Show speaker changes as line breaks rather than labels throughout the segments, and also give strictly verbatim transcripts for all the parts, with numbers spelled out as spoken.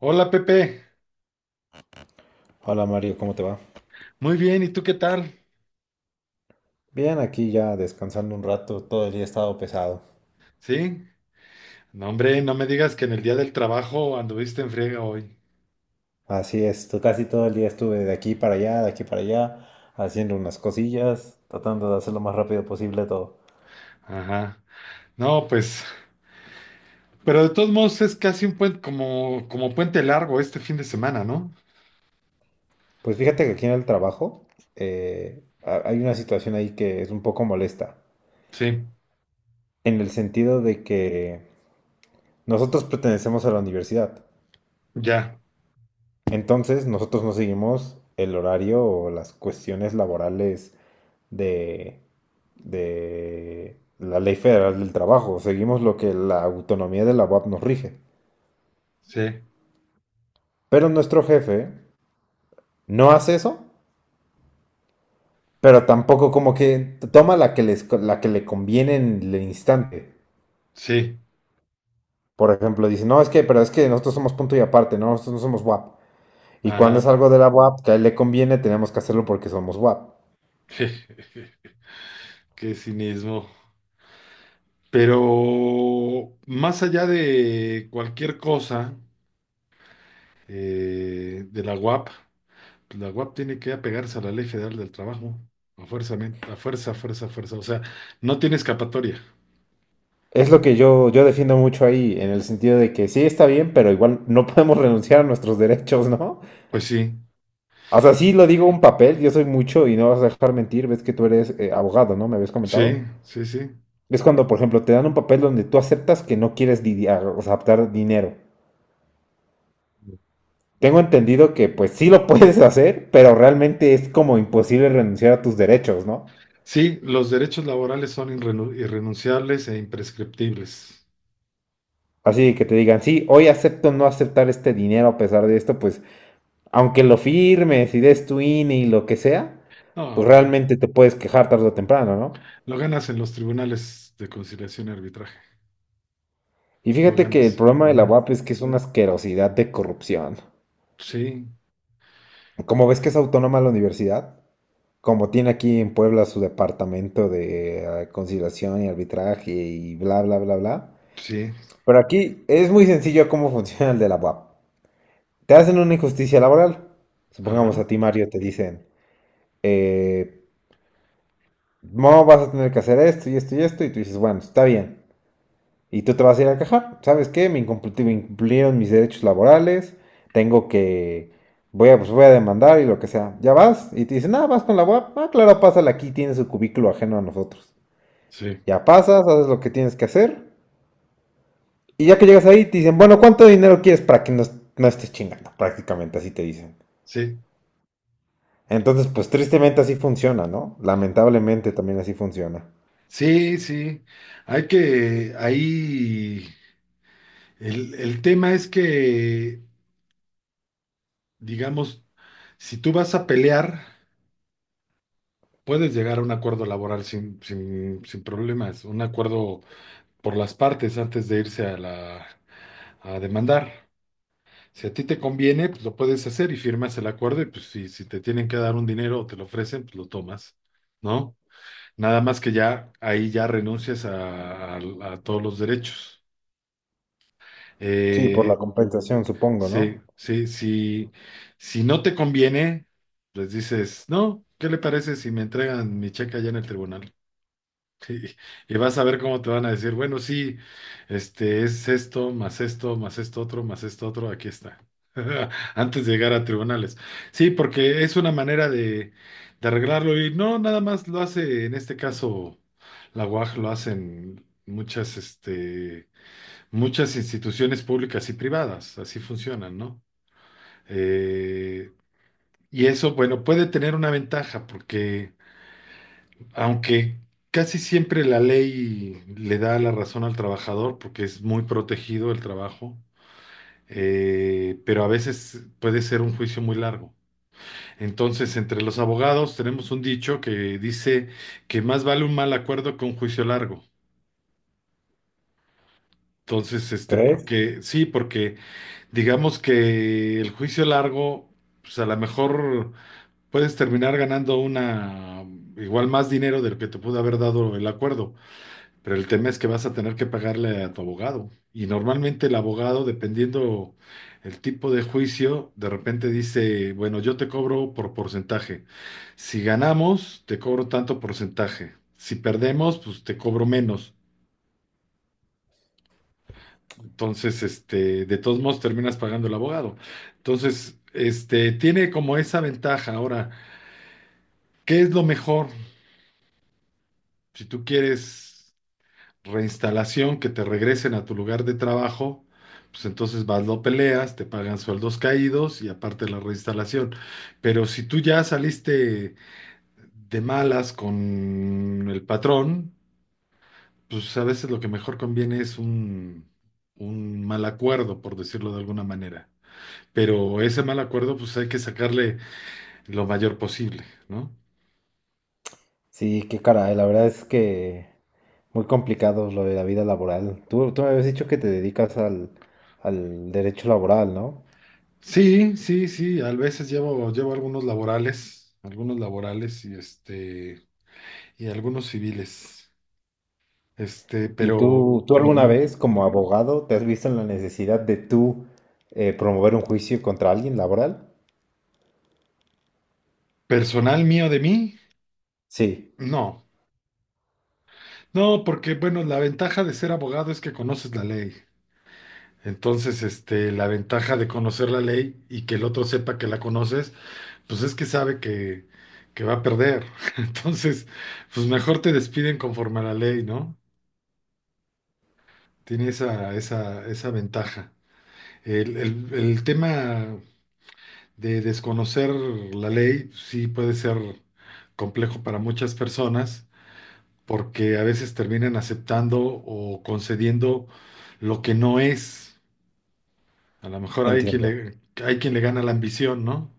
Hola Pepe,
Hola Mario, ¿cómo te va?
muy bien, ¿y tú qué tal?
Bien, aquí ya descansando un rato, todo el día he estado pesado.
¿Sí? No, hombre, no me digas que en el Día del Trabajo anduviste en friega hoy.
Así es, to- casi todo el día estuve de aquí para allá, de aquí para allá, haciendo unas cosillas, tratando de hacer lo más rápido posible todo.
Ajá. No, pues, pero de todos modos es casi un puente, como, como puente largo este fin de semana, ¿no?
Pues fíjate que aquí en el trabajo eh, ha- hay una situación ahí que es un poco molesta,
Sí,
en el sentido de que nosotros pertenecemos a la universidad,
ya,
entonces nosotros no seguimos el horario o las cuestiones laborales de, de la Ley Federal del Trabajo, seguimos lo que la autonomía de la U A P nos rige.
sí,
Pero nuestro jefe no hace eso, pero tampoco como que toma la que, les, la que le conviene en el instante.
sí,
Por ejemplo, dice, no, es que, pero es que nosotros somos punto y aparte, ¿no? Nosotros no somos W A P. Y cuando es
ajá.
algo de la W A P que a él le conviene, tenemos que hacerlo porque somos W A P.
Qué cinismo. Pero más allá de cualquier cosa, eh, de la U A P. La U A P tiene que apegarse a la Ley Federal del Trabajo, a fuerza, men- a fuerza, fuerza, fuerza. O sea, no tiene escapatoria.
Es lo que yo, yo defiendo mucho ahí, en el sentido de que sí está bien, pero igual no podemos renunciar a nuestros derechos, ¿no?
Pues sí,
O sea, sí lo digo un papel, yo soy mucho y no vas a dejar mentir, ves que tú eres eh, abogado, ¿no? ¿Me habías
sí,
comentado?
sí, sí.
Es cuando, por ejemplo, te dan un papel donde tú aceptas que no quieres lidiar, o sea, aceptar dinero. Tengo entendido que pues sí lo puedes hacer, pero realmente es como imposible renunciar a tus derechos, ¿no?
Sí, los derechos laborales son irrenu- irrenunciables e imprescriptibles.
Así que te digan, sí, hoy acepto no aceptar este dinero a pesar de esto, pues aunque lo firmes y des tu I N E y lo que sea, pues
No,
realmente te puedes quejar tarde o temprano, ¿no?
lo ganas en los tribunales de conciliación y arbitraje.
Y
Lo
fíjate que el
ganas.
problema de la
Ujú.
U A P es que es una asquerosidad de corrupción.
Sí,
Como ves que es autónoma la universidad, como tiene aquí en Puebla su departamento de eh, conciliación y arbitraje y bla, bla, bla, bla.
sí,
Pero aquí es muy sencillo cómo funciona el de la U A P. Te hacen una injusticia laboral. Supongamos
ajá,
a ti, Mario, te dicen, eh, no vas a tener que hacer esto y esto y esto, y tú dices, bueno, está bien. Y tú te vas a ir a quejar. ¿Sabes qué? Me, incumpl- me incumplieron mis derechos laborales. Tengo que. Voy a, pues voy a demandar y lo que sea. Ya vas. Y te dicen, ah, vas con la U A P. Ah, claro, pásala aquí. Tiene su cubículo ajeno a nosotros.
sí,
Ya pasas, haces lo que tienes que hacer. Y ya que llegas ahí, te dicen, bueno, ¿cuánto dinero quieres para que no, est- no estés chingando? Prácticamente así te dicen.
sí,
Entonces, pues tristemente así funciona, ¿no? Lamentablemente también así funciona.
sí, sí. Hay que, ahí, el, el tema es que digamos, si tú vas a pelear, puedes llegar a un acuerdo laboral sin, sin, sin problemas, un acuerdo por las partes antes de irse a la, a demandar. Si a ti te conviene, pues lo puedes hacer y firmas el acuerdo y pues si, si te tienen que dar un dinero o te lo ofrecen, pues lo tomas, ¿no? Nada más que ya ahí ya renuncias a, a- a todos los derechos.
Sí, por la
Eh,
compensación, supongo,
Sí,
¿no?
sí, sí. Si no te conviene, pues dices, no, ¿qué le parece si me entregan mi cheque allá en el tribunal? Sí. Y vas a ver cómo te van a decir, bueno, sí, este es esto, más esto, más esto otro, más esto otro, aquí está. Antes de llegar a tribunales. Sí, porque es una manera de, de arreglarlo y no nada más lo hace, en este caso, la U A G lo hacen muchas, este, muchas instituciones públicas y privadas, así funcionan, ¿no? Eh, y eso, bueno, puede tener una ventaja porque aunque casi siempre la ley le da la razón al trabajador porque es muy protegido el trabajo, eh, pero a veces puede ser un juicio muy largo. Entonces, entre los abogados tenemos un dicho que dice que más vale un mal acuerdo que un juicio largo. Entonces, este,
¿Crees?
porque sí, porque digamos que el juicio largo, pues a lo mejor puedes terminar ganando una, igual más dinero de lo que te pudo haber dado el acuerdo, pero el tema es que vas a tener que pagarle a tu abogado. Y normalmente el abogado, dependiendo el tipo de juicio, de repente dice, bueno, yo te cobro por porcentaje. Si ganamos, te cobro tanto porcentaje. Si perdemos, pues te cobro menos. Entonces, este, de todos modos terminas pagando el abogado. Entonces, este, tiene como esa ventaja. Ahora, ¿qué es lo mejor? Si tú quieres reinstalación, que te regresen a tu lugar de trabajo, pues entonces vas, lo peleas, te pagan sueldos caídos y aparte la reinstalación. Pero si tú ya saliste de malas con el patrón, pues a veces lo que mejor conviene es un, un mal acuerdo, por decirlo de alguna manera. Pero ese mal acuerdo, pues hay que sacarle lo mayor posible, ¿no?
Sí, qué caray, la verdad es que muy complicado lo de la vida laboral. Tú, tú me habías dicho que te dedicas al, al derecho laboral, ¿no?
Sí, sí, sí, a veces llevo, llevo algunos laborales, algunos laborales y este... y algunos civiles. Este,
¿Y
pero
tú, tú alguna
ujú.
vez como abogado te has visto en la necesidad de tú eh, promover un juicio contra alguien laboral?
Personal mío de mí,
Sí,
no. No, porque bueno, la ventaja de ser abogado es que conoces la ley. Entonces, este, la ventaja de conocer la ley y que el otro sepa que la conoces, pues es que sabe que, que va a perder. Entonces, pues mejor te despiden conforme a la ley, ¿no? Tiene esa, esa, esa ventaja. El, el- el tema de desconocer la ley sí puede ser complejo para muchas personas porque a veces terminan aceptando o concediendo lo que no es. A lo mejor hay quien
entiendo.
le, hay quien le gana la ambición, ¿no?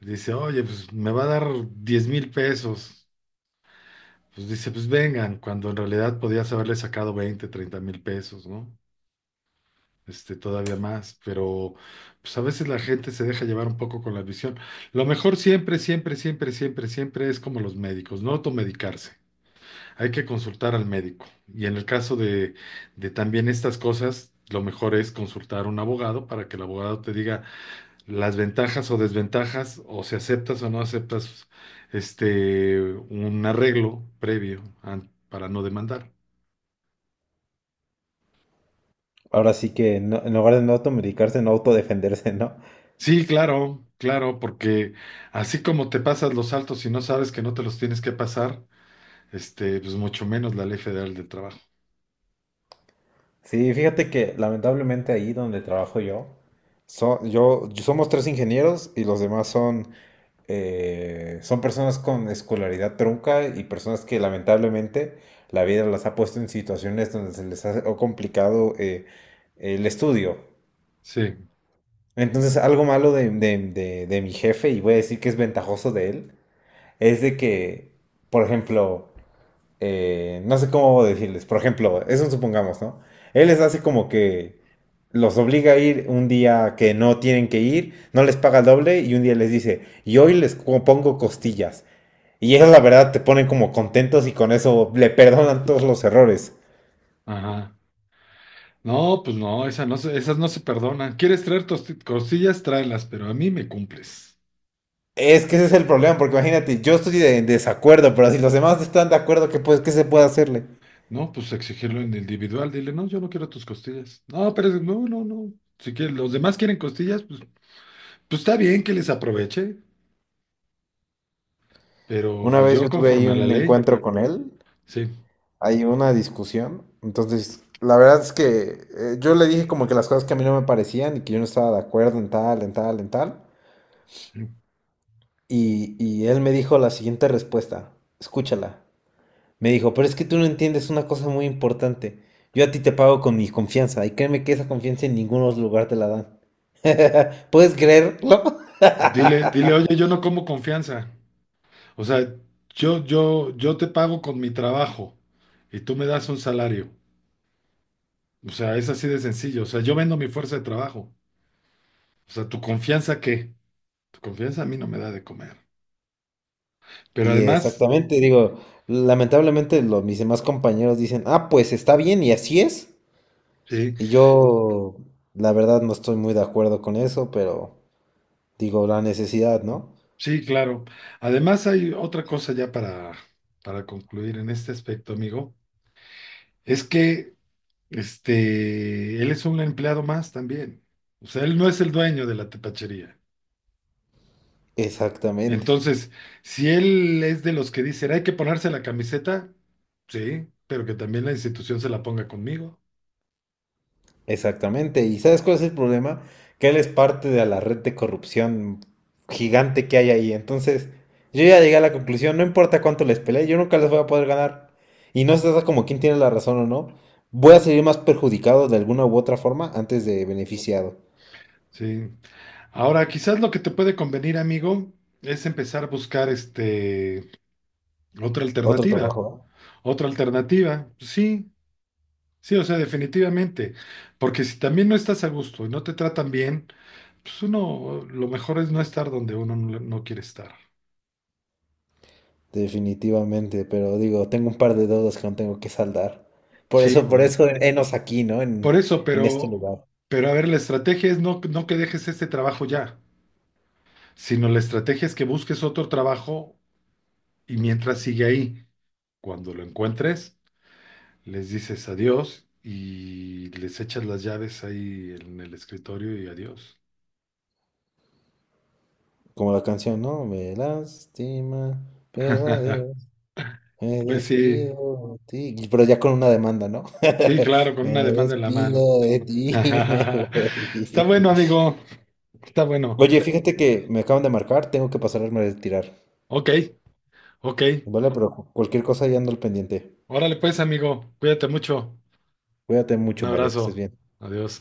Dice, oye, pues me va a dar diez mil pesos. Pues dice, pues vengan, cuando en realidad podías haberle sacado veinte treinta mil pesos, ¿no? este, todavía más, pero pues a veces la gente se deja llevar un poco con la visión. Lo mejor siempre, siempre, siempre, siempre, siempre es como los médicos, no automedicarse. Hay que consultar al médico. Y en el caso de, de también estas cosas, lo mejor es consultar a un abogado para que el abogado te diga las ventajas o desventajas, o si aceptas o no aceptas este, un arreglo previo an- para no demandar.
Ahora sí que no- en lugar de no automedicarse, no autodefenderse, ¿no?
Sí, claro, claro, porque así como te pasas los saltos y no sabes que no te los tienes que pasar, este, pues mucho menos la Ley Federal del Trabajo.
Sí, fíjate que lamentablemente ahí donde trabajo yo, so- yo somos tres ingenieros y los demás son, eh, son personas con escolaridad trunca y personas que lamentablemente la vida las ha puesto en situaciones donde se les ha complicado eh, el estudio.
Sí,
Entonces, algo malo de, de- de- de mi jefe, y voy a decir que es ventajoso de él, es de que, por ejemplo, eh, no sé cómo decirles, por ejemplo, eso supongamos, ¿no? Él les hace como que los obliga a ir un día que no tienen que ir, no les paga el doble y un día les dice, y hoy les co- pongo costillas. Y eso la verdad te ponen como contentos y con eso le perdonan todos los errores.
ajá. No, pues no, esa no se- esas no se perdonan. ¿Quieres traer tosti- costillas? Tráelas, pero a mí me cumples.
Es que ese es el problema, porque imagínate, yo estoy de- en desacuerdo, pero si los demás están de acuerdo, ¿qué, pues, qué se puede hacerle?
No, pues exigirlo en individual. Dile, no, yo no quiero tus costillas. No, pero es- no, no, no. Si quieres, los demás quieren costillas, pues, pues, está bien que les aproveche, pero
Una
pues
vez
yo
yo tuve ahí
conforme a la
un
ley,
encuentro con él
sí.
hay una discusión. Entonces, la verdad es que eh, yo le dije como que las cosas que a mí no me parecían y que yo no estaba de acuerdo en tal, en tal, en tal. Y, y él me dijo la siguiente respuesta. Escúchala. Me dijo, pero es que tú no entiendes una cosa muy importante. Yo a ti te pago con mi confianza y créeme que esa confianza en ningún otro lugar te la dan. ¿Puedes creerlo?
Dile, dile, oye, yo no como confianza. O sea, yo, yo, yo te pago con mi trabajo y tú me das un salario. O sea, es así de sencillo. O sea, yo vendo mi fuerza de trabajo. O sea, ¿tu confianza qué? Tu confianza a mí no me da de comer. Pero
Y
además,
exactamente, digo, lamentablemente los, mis demás compañeros dicen, ah, pues está bien y así es.
sí,
Y yo, la verdad, no estoy muy de acuerdo con eso, pero digo, la necesidad, ¿no?
sí, claro. Además hay otra cosa ya para, para concluir en este aspecto, amigo. Es que, este, él es un empleado más también. O sea, él no es el dueño de la tepachería.
Exactamente,
Entonces, si él es de los que dicen, hay que ponerse la camiseta, sí, pero que también la institución se la ponga conmigo,
exactamente. ¿Y sabes cuál es el problema? Que él es parte de la red de corrupción gigante que hay ahí. Entonces, yo ya llegué a la conclusión, no importa cuánto les pelee, yo nunca les voy a poder ganar. Y no se trata como quién tiene la razón o no. Voy a salir más perjudicado de alguna u otra forma antes de beneficiado.
sí. Ahora, quizás lo que te puede convenir, amigo, es empezar a buscar este, otra
Otro
alternativa.
trabajo. ¿Eh?
Otra alternativa, sí, sí, o sea, definitivamente. Porque si también no estás a gusto y no te tratan bien, pues uno, lo mejor es no estar donde uno no no quiere estar.
Definitivamente, pero digo, tengo un par de deudas que no tengo que saldar. Por
Sí,
eso, por
bueno.
eso, enos aquí, ¿no?
Por
En,
eso,
en este
pero,
lugar.
pero a ver, la estrategia es no, no que dejes este trabajo ya, sino la estrategia es que busques otro trabajo y mientras sigue ahí, cuando lo encuentres, les dices adiós y les echas las llaves ahí en el escritorio y adiós.
Como la canción, ¿no? Me lastima, pero adiós, me
Pues sí,
despido de ti. Y- pero ya con una demanda, ¿no?
sí, claro, con
Me
una demanda en la mano.
despido de ti y me voy.
Está bueno, amigo, está bueno.
Oye, fíjate que me acaban de marcar, tengo que pasarme a retirar.
Ok, ok.
Vale, pero cu- cualquier cosa ya ando al pendiente.
Órale pues, amigo, cuídate mucho.
Cuídate
Un
mucho, Mario, que
abrazo.
estés bien.
Adiós.